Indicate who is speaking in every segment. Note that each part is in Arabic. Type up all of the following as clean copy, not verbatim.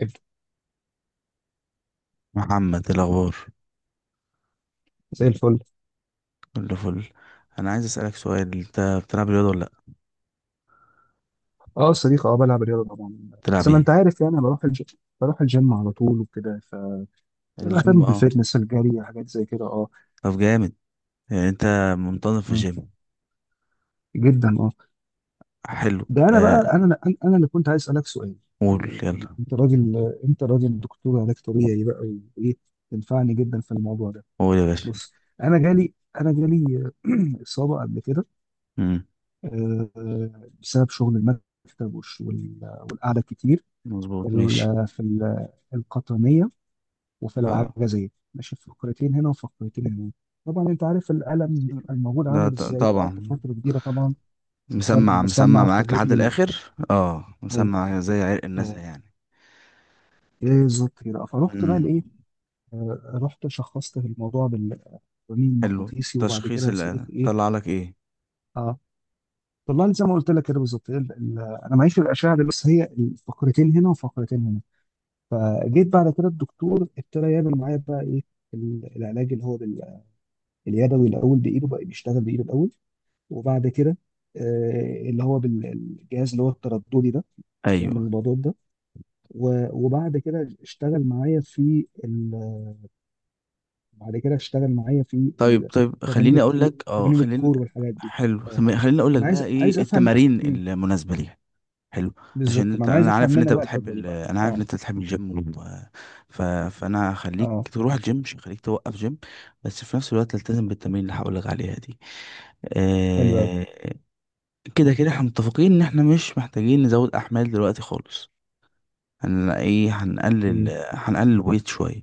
Speaker 1: إد-
Speaker 2: محمد، إيه الاخبار؟
Speaker 1: زي الفل.
Speaker 2: كله فل. انا عايز اسالك سؤال، انت بتلعب رياضه ولا لا؟
Speaker 1: اه صديق، اه بلعب رياضه طبعا.
Speaker 2: بتلعب
Speaker 1: بس ما انت
Speaker 2: ايه؟
Speaker 1: عارف يعني أنا بروح الجيم بروح الجيم على طول وكده.
Speaker 2: الجيم،
Speaker 1: بهتم
Speaker 2: اه.
Speaker 1: بالفتنس، الجري، حاجات زي كده، اه.
Speaker 2: طب جامد. يعني انت منتظم في
Speaker 1: مم.
Speaker 2: الجيم؟
Speaker 1: جدا اه.
Speaker 2: حلو،
Speaker 1: ده انا بقى
Speaker 2: آه.
Speaker 1: انا انا أنا اللي كنت عايز اسالك سؤال.
Speaker 2: قول يلا.
Speaker 1: انت راجل انت راجل دكتور علاج طبيعي بقى، وايه تنفعني جدا في الموضوع ده.
Speaker 2: قول يا باشا.
Speaker 1: بص، انا جالي انا جالي اصابه قبل كده،
Speaker 2: امم.
Speaker 1: آه، بسبب شغل المكتب والقعده كتير في
Speaker 2: مظبوط، ماشي.
Speaker 1: ال- في ال- القطنيه وفي
Speaker 2: اه،
Speaker 1: العجزية، ماشي فقرتين هنا وفقرتين هنا. طبعا انت عارف الألم الموجود
Speaker 2: ده
Speaker 1: عامل ازاي،
Speaker 2: طبعا.
Speaker 1: وقعدت فترة كبيرة طبعا.
Speaker 2: مسمع مسمع
Speaker 1: مسمع في
Speaker 2: معاك لحد
Speaker 1: الرجل
Speaker 2: الاخر،
Speaker 1: آه،
Speaker 2: مسمع زي عرق الناس
Speaker 1: آه،
Speaker 2: يعني.
Speaker 1: ايه ذكري بقى، فرحت بقى
Speaker 2: امم.
Speaker 1: لايه. رحت شخصت الموضوع بالرنين
Speaker 2: حلو،
Speaker 1: المغناطيسي، وبعد كده
Speaker 2: تشخيص
Speaker 1: يا
Speaker 2: اللي
Speaker 1: صديقي ايه.
Speaker 2: طلع لك ايه؟
Speaker 1: اه، طلع لي زي ما قلت لك كده بالظبط، انا معيش في الاشعه دي، بس هي فقرتين هنا وفقرتين هنا. فجيت بعد كده الدكتور ابتدى يعمل معايا بقى ايه، العلاج اللي هو اليدوي الاول بايده، بقى بيشتغل بايده الاول، وبعد كده اللي هو بالجهاز اللي هو الترددي ده، بيعمل
Speaker 2: ايوه.
Speaker 1: البضات ده، وبعد كده اشتغل معايا في بعد كده اشتغل معايا في
Speaker 2: طيب
Speaker 1: ال-
Speaker 2: طيب،
Speaker 1: تمارين
Speaker 2: خليني اقول
Speaker 1: الكور،
Speaker 2: لك، اه
Speaker 1: تمارين
Speaker 2: خليني
Speaker 1: الكور والحاجات دي.
Speaker 2: حلو
Speaker 1: اه،
Speaker 2: تمام، خليني اقول
Speaker 1: انا
Speaker 2: لك بقى
Speaker 1: عايز
Speaker 2: ايه
Speaker 1: افهم.
Speaker 2: التمارين
Speaker 1: مم.
Speaker 2: المناسبه ليها. حلو. عشان
Speaker 1: بالظبط، ما
Speaker 2: انت،
Speaker 1: انا عايز افهم منك بقى الحته دي بقى،
Speaker 2: انا عارف ان
Speaker 1: اه
Speaker 2: انت بتحب الجيم، ف... فانا هخليك
Speaker 1: اه.
Speaker 2: تروح الجيم مش هخليك توقف جيم. بس في نفس الوقت تلتزم بالتمارين اللي هقول لك عليها دي.
Speaker 1: حلو قوي.
Speaker 2: آه... كده كده احنا متفقين ان احنا مش محتاجين نزود احمال دلوقتي خالص. هن ايه هنقلل
Speaker 1: مم.
Speaker 2: هنقلل ويت شويه.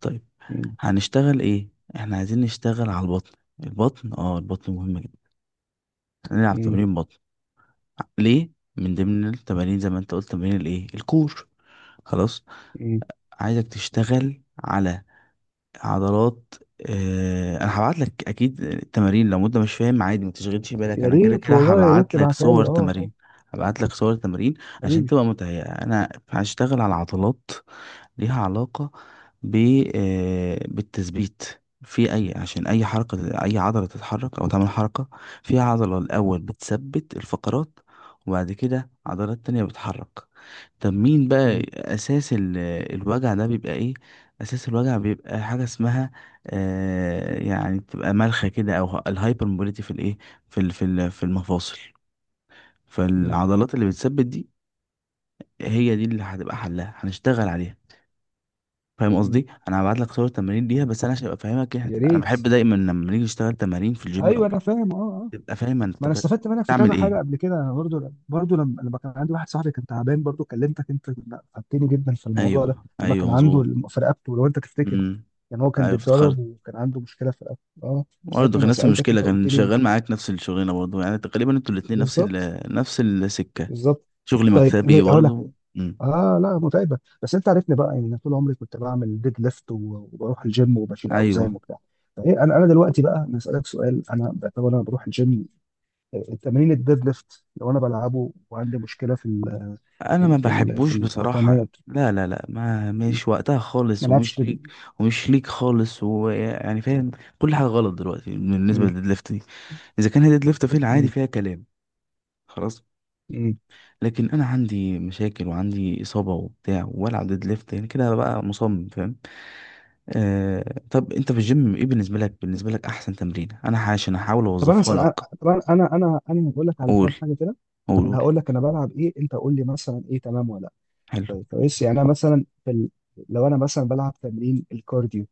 Speaker 2: طيب،
Speaker 1: مم.
Speaker 2: هنشتغل ايه؟ احنا عايزين نشتغل على البطن. البطن مهم جدا. هنلعب
Speaker 1: مم.
Speaker 2: تمارين بطن. ليه؟ من ضمن التمارين زي ما انت قلت تمارين الكور. خلاص.
Speaker 1: مم.
Speaker 2: عايزك تشتغل على عضلات. اه انا هبعت لك اكيد التمارين لو انت مش فاهم عادي، ما تشغلش بالك،
Speaker 1: يا
Speaker 2: انا كده
Speaker 1: ريت
Speaker 2: كده
Speaker 1: والله، يا ريت
Speaker 2: هبعت لك
Speaker 1: تبعتها لي،
Speaker 2: صور
Speaker 1: اه اه.
Speaker 2: تمارين. هبعت لك صور تمارين عشان
Speaker 1: حبيبي.
Speaker 2: تبقى متهيئة. انا هشتغل على عضلات ليها علاقة ب آه، بالتثبيت. في أي عشان أي حركة، أي عضلة تتحرك أو تعمل حركة، فيها عضلة الأول بتثبت الفقرات، وبعد كده عضلات تانية بتحرك. طب مين بقى
Speaker 1: مم.
Speaker 2: أساس الوجع ده بيبقى إيه؟ أساس الوجع بيبقى حاجة اسمها، يعني بتبقى ملخة كده أو الهايبر موبيليتي في الإيه؟ في المفاصل.
Speaker 1: مم.
Speaker 2: فالعضلات اللي بتثبت دي، هي دي اللي هتبقى حلها، هنشتغل عليها. فاهم
Speaker 1: مم.
Speaker 2: قصدي؟ انا هبعت لك صور تمارين ليها، بس انا عشان ابقى فاهمك يعني،
Speaker 1: يا
Speaker 2: انا
Speaker 1: ريت.
Speaker 2: بحب دايما لما نيجي نشتغل تمارين في الجيم او
Speaker 1: ايوه انا
Speaker 2: كده،
Speaker 1: فاهم، اه آه.
Speaker 2: تبقى فاهم
Speaker 1: ما
Speaker 2: انت
Speaker 1: انا استفدت منك في
Speaker 2: بتعمل
Speaker 1: كذا
Speaker 2: ايه.
Speaker 1: حاجه قبل كده، انا برضو لما كان عندي واحد صاحبي كان تعبان، برضو كلمتك انت، لا، فادتني جدا في الموضوع ده
Speaker 2: ايوه
Speaker 1: لما
Speaker 2: ايوه،
Speaker 1: كان عنده
Speaker 2: مظبوط.
Speaker 1: في رقبته، لو انت تفتكر.
Speaker 2: امم.
Speaker 1: هو كان
Speaker 2: ايوه،
Speaker 1: بيتدرب
Speaker 2: افتكرت.
Speaker 1: وكان عنده مشكله في رقبته، اه
Speaker 2: برضه
Speaker 1: ساعتها
Speaker 2: كان
Speaker 1: انا
Speaker 2: نفس
Speaker 1: سالتك،
Speaker 2: المشكله،
Speaker 1: انت قلت
Speaker 2: كان
Speaker 1: لي
Speaker 2: شغال معاك نفس الشغلانه برضه، يعني تقريبا انتوا الاتنين نفس
Speaker 1: بالظبط
Speaker 2: نفس السكه.
Speaker 1: بالظبط.
Speaker 2: شغل
Speaker 1: طيب،
Speaker 2: مكتبي
Speaker 1: هقول لك حاجه.
Speaker 2: برضه. امم.
Speaker 1: اه لا متعبه، بس انت عارفني بقى، يعني انا طول عمري كنت بعمل ديد ليفت وبروح الجيم وبشيل اوزان
Speaker 2: ايوه،
Speaker 1: وبتاع. فايه انا، دلوقتي بقى انا اسالك سؤال، انا بعتبر انا بروح الجيم، تمرين الديد ليفت لو انا بلعبه وعندي مشكله في ال في
Speaker 2: انا ما
Speaker 1: ال في, ال في
Speaker 2: بحبوش
Speaker 1: القطنيه
Speaker 2: بصراحه. لا لا لا، ما مش وقتها
Speaker 1: ما
Speaker 2: خالص
Speaker 1: العبش
Speaker 2: ومش ليك.
Speaker 1: ديد.
Speaker 2: ومش ليك خالص، ويعني فاهم، كل حاجه غلط دلوقتي بالنسبه
Speaker 1: مم.
Speaker 2: للديد ليفت دي. اذا كان هيد ليفت في العادي
Speaker 1: مم.
Speaker 2: فيها كلام، خلاص.
Speaker 1: مم.
Speaker 2: لكن انا عندي مشاكل وعندي اصابه وبتاع والعب ديد ليفت، يعني كده بقى مصمم، فاهم. طب انت في الجيم، ايه بالنسبه لك، بالنسبه لك احسن تمرين، عشان احاول
Speaker 1: طب انا
Speaker 2: اوظفها لك.
Speaker 1: أسأل، طب انا هقول لك على
Speaker 2: قول،
Speaker 1: كام حاجه كده.
Speaker 2: قول،
Speaker 1: انا
Speaker 2: قول.
Speaker 1: هقول لك انا بلعب ايه، انت قول لي مثلا ايه تمام ولا لا.
Speaker 2: حلو.
Speaker 1: طيب كويس، يعني انا مثلا في لو انا مثلا بلعب تمرين الكارديو،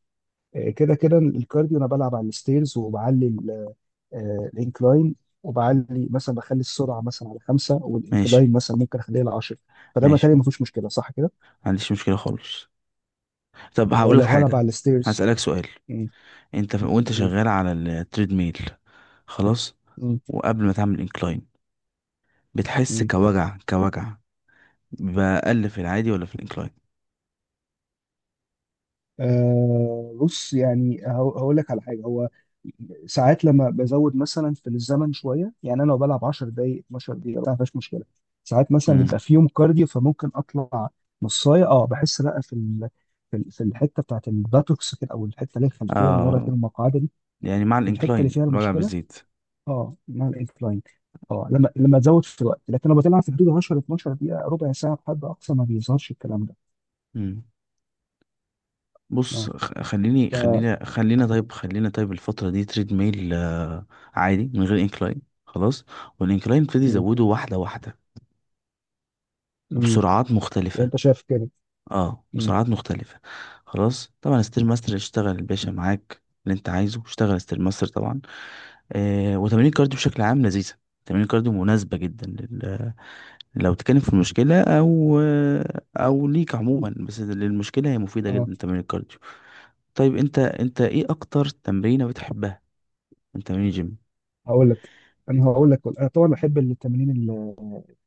Speaker 1: كده كده الكارديو، انا بلعب على الستيرز وبعلي الانكلاين، وبعلي مثلا بخلي السرعه مثلا على خمسه
Speaker 2: ماشي،
Speaker 1: والانكلاين مثلا ممكن اخليها على 10، فده
Speaker 2: ماشي،
Speaker 1: متهيألي
Speaker 2: ما
Speaker 1: ما فيهوش مشكله، صح كده.
Speaker 2: عنديش مشكله خالص. طب هقول لك
Speaker 1: لو هلعب
Speaker 2: حاجه،
Speaker 1: على الستيرز.
Speaker 2: هسالك سؤال،
Speaker 1: مم.
Speaker 2: انت وانت
Speaker 1: نقول.
Speaker 2: شغال على التريد ميل، خلاص،
Speaker 1: مم.
Speaker 2: وقبل ما تعمل انكلاين بتحس
Speaker 1: مم.
Speaker 2: كوجع كوجع بأقل في العادي ولا في الانكلاين؟
Speaker 1: بص، يعني هقول لك على حاجه، هو ساعات لما بزود مثلا في الزمن شويه، يعني انا لو بلعب 10 دقائق 12 دقيقه ما فيهاش مشكله. ساعات مثلا
Speaker 2: مم.
Speaker 1: بيبقى في يوم كارديو فممكن اطلع نصايه، اه بحس لا في في الحته بتاعت الباتوكس كده، او الحته اللي هي الخلفيه من ورا
Speaker 2: آه
Speaker 1: كده، المقعده دي،
Speaker 2: يعني مع
Speaker 1: في الحته اللي
Speaker 2: الانكلاين
Speaker 1: فيها
Speaker 2: الوجع
Speaker 1: المشكله،
Speaker 2: بيزيد.
Speaker 1: اه مع الانكلاين. اه، لما تزود في الوقت، لكن لو بتلعب في حدود 10 12 دقيقه، ربع ساعه بحد اقصى ما بيظهرش الكلام ده.
Speaker 2: مم.
Speaker 1: اه
Speaker 2: بص، خ- خليني
Speaker 1: ف
Speaker 2: خلينا خلينا طيب خلينا طيب الفترة دي تريد ميل، عادي من غير انكلاين خلاص. والانكلاين ابتدي
Speaker 1: مم.
Speaker 2: يزوده واحدة واحدة
Speaker 1: مم.
Speaker 2: وبسرعات
Speaker 1: يعني
Speaker 2: مختلفة.
Speaker 1: انت شايف كده.
Speaker 2: اه،
Speaker 1: مم.
Speaker 2: بسرعات مختلفة. خلاص، طبعا ستير ماستر، اشتغل الباشا معاك اللي انت عايزه، اشتغل ستير ماستر طبعا. وتمارين الكارديو بشكل عام لذيذة. تمارين الكارديو مناسبة جدا لو تتكلم في المشكلة أو ليك عموما، بس للمشكلة هي مفيدة
Speaker 1: اه
Speaker 2: جدا تمارين الكارديو. طيب، أنت إيه أكتر تمرينة بتحبها من تمارين الجيم؟
Speaker 1: هقول لك، انا طبعا بحب التمارين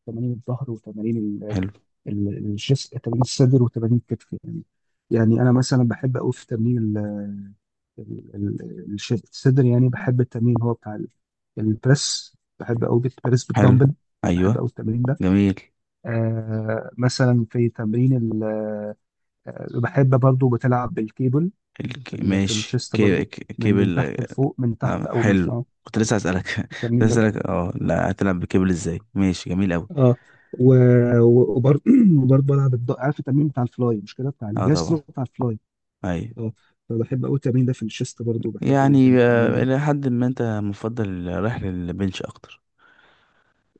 Speaker 1: تمارين الظهر وتمارين
Speaker 2: حلو
Speaker 1: الجس، تمارين الصدر وتمارين الكتف، يعني يعني انا مثلا بحب قوي في تمرين الصدر، يعني بحب التمرين هو بتاع البريس، بحب قوي البريس
Speaker 2: حلو.
Speaker 1: بالدمبل، بحب
Speaker 2: أيوه.
Speaker 1: قوي التمرين ده.
Speaker 2: جميل.
Speaker 1: مثلا في تمرين، بحب برضو بتلعب بالكيبل في في
Speaker 2: ماشي،
Speaker 1: الشيست برضو، من
Speaker 2: كيبل.
Speaker 1: تحت لفوق، من تحت
Speaker 2: نعم،
Speaker 1: او من
Speaker 2: حلو.
Speaker 1: فوق،
Speaker 2: كنت لسه هسألك. كنت
Speaker 1: التمرين ده.
Speaker 2: لسه هسألك، لا، هتلعب بكيبل ازاي، ماشي جميل أوي.
Speaker 1: اه، و... و- وبر- وبرضه بلعب عارف التمرين بتاع الفلاي، مش كده، بتاع
Speaker 2: اه،
Speaker 1: الجسر
Speaker 2: طبعا.
Speaker 1: بتاع الفلاي،
Speaker 2: أيوه.
Speaker 1: اه. فبحب قوي التمرين ده في الشيست، برضه بحب جدا
Speaker 2: يعني
Speaker 1: التمرين ده،
Speaker 2: إلى حد ما أنت مفضل رايح للبنش أكتر.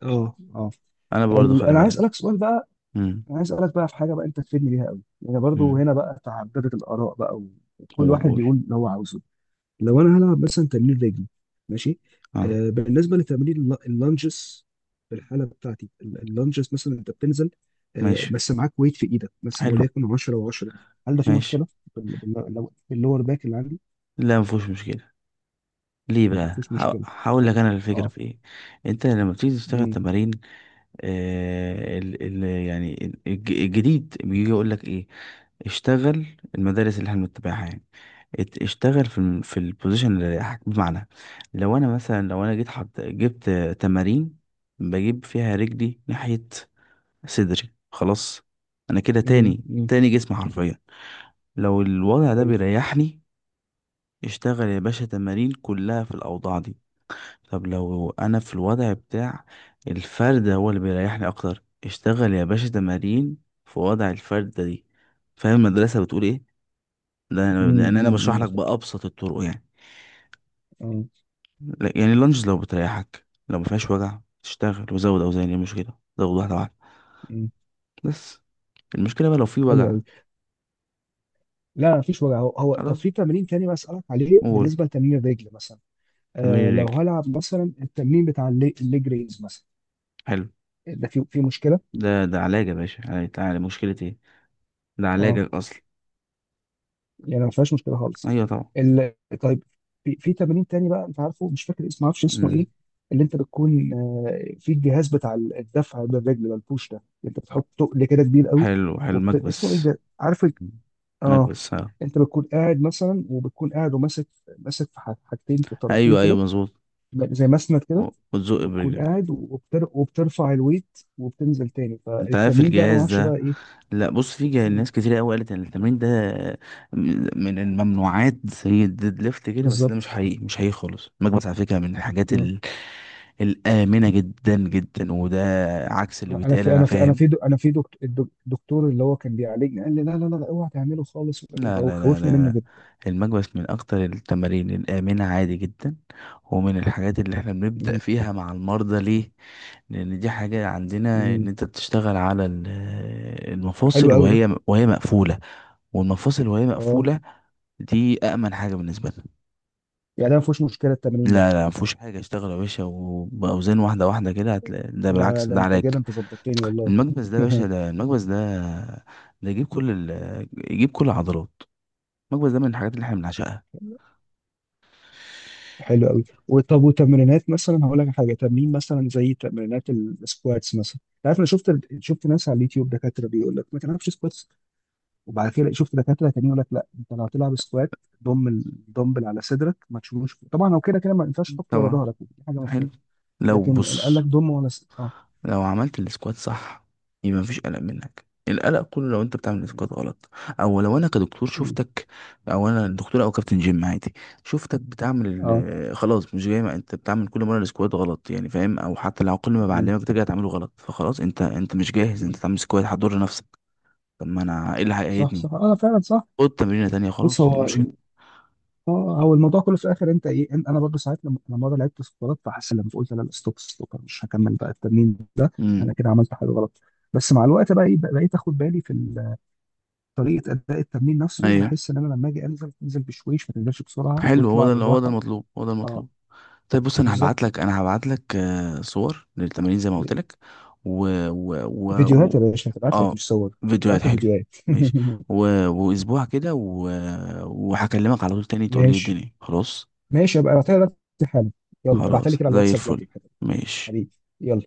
Speaker 1: اه اه.
Speaker 2: أنا برضو خلي
Speaker 1: انا عايز
Speaker 2: بالك.
Speaker 1: اسالك سؤال بقى،
Speaker 2: امم،
Speaker 1: انا عايز اسالك بقى في حاجه بقى انت تفيدني بيها قوي، يعني برضه
Speaker 2: امم.
Speaker 1: هنا بقى تعددت الاراء بقى وكل
Speaker 2: قول،
Speaker 1: واحد
Speaker 2: قول.
Speaker 1: يقول اللي هو عاوزه. لو انا هلعب مثلا تمرين رجل، ماشي،
Speaker 2: اه،
Speaker 1: بالنسبه لتمرين اللانجز، في الحاله بتاعتي اللانجز مثلا انت بتنزل،
Speaker 2: ماشي،
Speaker 1: بس معاك ويت في ايدك بس،
Speaker 2: حلو،
Speaker 1: وليكن 10 و10، هل ده في
Speaker 2: ماشي.
Speaker 1: مشكله لو اللور باك اللي عندي،
Speaker 2: لا، مفيهوش مشكلة، ليه
Speaker 1: ما
Speaker 2: بقى،
Speaker 1: فيهوش مشكله،
Speaker 2: هقول
Speaker 1: طيب،
Speaker 2: لك انا الفكرة
Speaker 1: اه.
Speaker 2: في ايه. انت لما بتيجي تشتغل
Speaker 1: امم.
Speaker 2: تمارين، آه ال ال يعني ال- الج- الجديد بيجي يقول لك ايه؟ اشتغل. المدارس اللي احنا بنتبعها يعني، اشتغل في البوزيشن اللي رايحك. بمعنى، لو انا مثلا، لو انا جيت جبت تمارين بجيب فيها رجلي ناحية صدري، خلاص، انا كده
Speaker 1: امم.
Speaker 2: تاني
Speaker 1: امم.
Speaker 2: تاني جسم حرفيا. لو الوضع ده
Speaker 1: ايوه.
Speaker 2: بيريحني، اشتغل يا باشا تمارين كلها في الأوضاع دي. طب لو أنا في الوضع بتاع الفردة هو اللي بيريحني أكتر، اشتغل يا باشا تمارين في وضع الفردة دي. فاهم المدرسة بتقول إيه؟ ده
Speaker 1: امم.
Speaker 2: لأن أنا بشرح
Speaker 1: امم.
Speaker 2: لك بأبسط الطرق، يعني
Speaker 1: امم.
Speaker 2: يعني اللانجز لو بتريحك، لو مفيهاش وجع، تشتغل وزود أوزان، إيه المشكلة، زود واحدة واحدة،
Speaker 1: امم.
Speaker 2: بس المشكلة بقى لو في
Speaker 1: حلو
Speaker 2: وجع.
Speaker 1: قوي. لا ما فيش وجع هو هو، طب
Speaker 2: خلاص،
Speaker 1: في تمرين تاني بسألك عليه،
Speaker 2: قول.
Speaker 1: بالنسبه لتمرين الرجل مثلا،
Speaker 2: تمارين
Speaker 1: لو
Speaker 2: الرجل،
Speaker 1: هلعب مثلا التمرين بتاع الليج ريز مثلا،
Speaker 2: حلو.
Speaker 1: ده في مشكله.
Speaker 2: ده علاج يا باشا، يعني تعالى، مشكلة إيه؟ ده
Speaker 1: اه
Speaker 2: علاجك أصلا.
Speaker 1: يعني ما فيهاش مشكله خالص
Speaker 2: أيوه طبعا.
Speaker 1: ال... طيب في تمرين تاني بقى، انت عارفه مش فاكر اسمه، ما اعرفش اسمه
Speaker 2: مم.
Speaker 1: ايه، اللي انت بتكون في الجهاز بتاع الدفع بالرجل ده، البوش ده، اللي انت بتحط تقل كده كبير قوي
Speaker 2: حلو، حلو،
Speaker 1: اسمه ايه
Speaker 2: مكبس.
Speaker 1: ده، عارف اه.
Speaker 2: مكبس، ها.
Speaker 1: انت بتكون قاعد مثلا، وبتكون قاعد وماسك، ماسك في حاجتين في الطرفين
Speaker 2: ايوه ايوه،
Speaker 1: كده،
Speaker 2: مظبوط.
Speaker 1: زي مسند كده،
Speaker 2: وتزق
Speaker 1: وبتكون
Speaker 2: برجلك.
Speaker 1: قاعد وبترفع الويت وبتنزل تاني،
Speaker 2: انت عارف
Speaker 1: فالتمرين ده انا ما
Speaker 2: الجهاز
Speaker 1: اعرفش بقى
Speaker 2: ده؟
Speaker 1: ايه.
Speaker 2: لا، بص، ناس كتير قوي قالت ان التمرين ده من الممنوعات زي الديد ليفت كده، بس ده مش
Speaker 1: بالظبط.
Speaker 2: حقيقي، مش حقيقي خالص. المكبس على فكره من الحاجات الامنه جدا جدا، وده عكس اللي بيتقال، انا فاهم.
Speaker 1: انا في دكتور، الدكتور اللي هو كان بيعالجني قال لي لا لا لا لا، اوعى تعمله خالص ومش عارف إيه.
Speaker 2: لا
Speaker 1: هو
Speaker 2: لا لا لا
Speaker 1: خوفني منه
Speaker 2: لا.
Speaker 1: جدا.
Speaker 2: المكبس من اكتر التمارين الامنه، عادي جدا، ومن الحاجات اللي احنا بنبدا
Speaker 1: أمم.
Speaker 2: فيها مع المرضى. ليه؟ لان دي حاجة عندنا ان
Speaker 1: أمم.
Speaker 2: انت بتشتغل على
Speaker 1: ده حلو
Speaker 2: المفاصل
Speaker 1: قوي ده.
Speaker 2: وهي مقفولة. والمفاصل وهي
Speaker 1: اه
Speaker 2: مقفولة، دي أأمن حاجة بالنسبة لنا.
Speaker 1: يعني ده ما فيهوش مشكله التمرين ده.
Speaker 2: لا لا، مفيهوش حاجة، اشتغل يا باشا وبأوزان واحدة واحدة كده، هتلاقي ده بالعكس
Speaker 1: ده
Speaker 2: ده
Speaker 1: انت
Speaker 2: علاج.
Speaker 1: كده، انت ظبطتني والله.
Speaker 2: المكبس ده يا باشا، ده المكبس ده، ده يجيب يجيب كل العضلات. المكبس ده من الحاجات اللي احنا بنعشقها.
Speaker 1: حلو قوي. وطب، وتمرينات مثلا، هقول لك حاجه، تمرين مثلا زي تمرينات السكواتس مثلا، انت عارف انا شفت ناس على اليوتيوب دكاتره بيقول لك ما تعرفش سكواتس، وبعد كده شفت دكاتره تانيين يقول لك لا، انت لو هتلعب سكوات ضم الدمبل على صدرك ما تشيلوش، طبعا هو كده كده ما ينفعش تحطه ورا
Speaker 2: طبعا.
Speaker 1: ظهرك، دي حاجه
Speaker 2: حلو.
Speaker 1: مفهومه،
Speaker 2: لو
Speaker 1: لكن قال
Speaker 2: بص،
Speaker 1: لك ضم ولا اه.
Speaker 2: لو عملت السكوات صح، يبقى مفيش قلق منك. القلق كله لو انت بتعمل السكوات غلط، او لو انا كدكتور
Speaker 1: مم.
Speaker 2: شفتك، او انا دكتور او كابتن جيم عادي، شفتك بتعمل
Speaker 1: اه.
Speaker 2: خلاص مش جاي، ما انت بتعمل كل مره السكوات غلط، يعني فاهم، او حتى لو كل ما
Speaker 1: مم.
Speaker 2: بعلمك ترجع تعمله غلط، فخلاص انت مش جاهز انت
Speaker 1: مم.
Speaker 2: تعمل سكوات، هتضر نفسك. طب ما انا ايه اللي
Speaker 1: صح
Speaker 2: هيقيدني؟
Speaker 1: صح، اه فعلا صح.
Speaker 2: خد تمرينه تانية،
Speaker 1: بص
Speaker 2: خلاص، ايه
Speaker 1: هو
Speaker 2: المشكله؟
Speaker 1: اه، هو الموضوع كله في الاخر، انت ايه، انا برضو ساعات، لما مره لعبت سكوات فحسيت، لما قلت لا لا ستوب ستوب، أنا مش هكمل بقى التمرين ده،
Speaker 2: امم.
Speaker 1: انا كده عملت حاجه غلط. بس مع الوقت بقى ايه، بقيت اخد بالي في طريقه اداء التمرين نفسه،
Speaker 2: ايوه.
Speaker 1: بحس ان انا لما اجي انزل، انزل بشويش، ما تنزلش بسرعه
Speaker 2: حلو، هو
Speaker 1: واطلع
Speaker 2: ده هو ده
Speaker 1: بالراحه،
Speaker 2: المطلوب، هو ده
Speaker 1: اه
Speaker 2: المطلوب. طيب بص، انا
Speaker 1: بالظبط.
Speaker 2: هبعت لك انا هبعت لك صور للتمارين زي ما قلت لك. و و و
Speaker 1: فيديوهات يا
Speaker 2: و-
Speaker 1: باشا، هتبعت لك
Speaker 2: اه،
Speaker 1: مش صور،
Speaker 2: فيديوهات،
Speaker 1: هتبعت لي
Speaker 2: حلو،
Speaker 1: فيديوهات.
Speaker 2: ماشي. و... واسبوع كده، وهكلمك على طول تاني، تقول لي إيه
Speaker 1: ماشي،
Speaker 2: الدنيا. خلاص،
Speaker 1: ماشي ابقى ابعتها لك دلوقتي حالا، يلا ابعتها لي
Speaker 2: خلاص
Speaker 1: كده على
Speaker 2: زي
Speaker 1: الواتساب
Speaker 2: الفل،
Speaker 1: دلوقتي حالا.
Speaker 2: ماشي.
Speaker 1: حبيبي، يلا.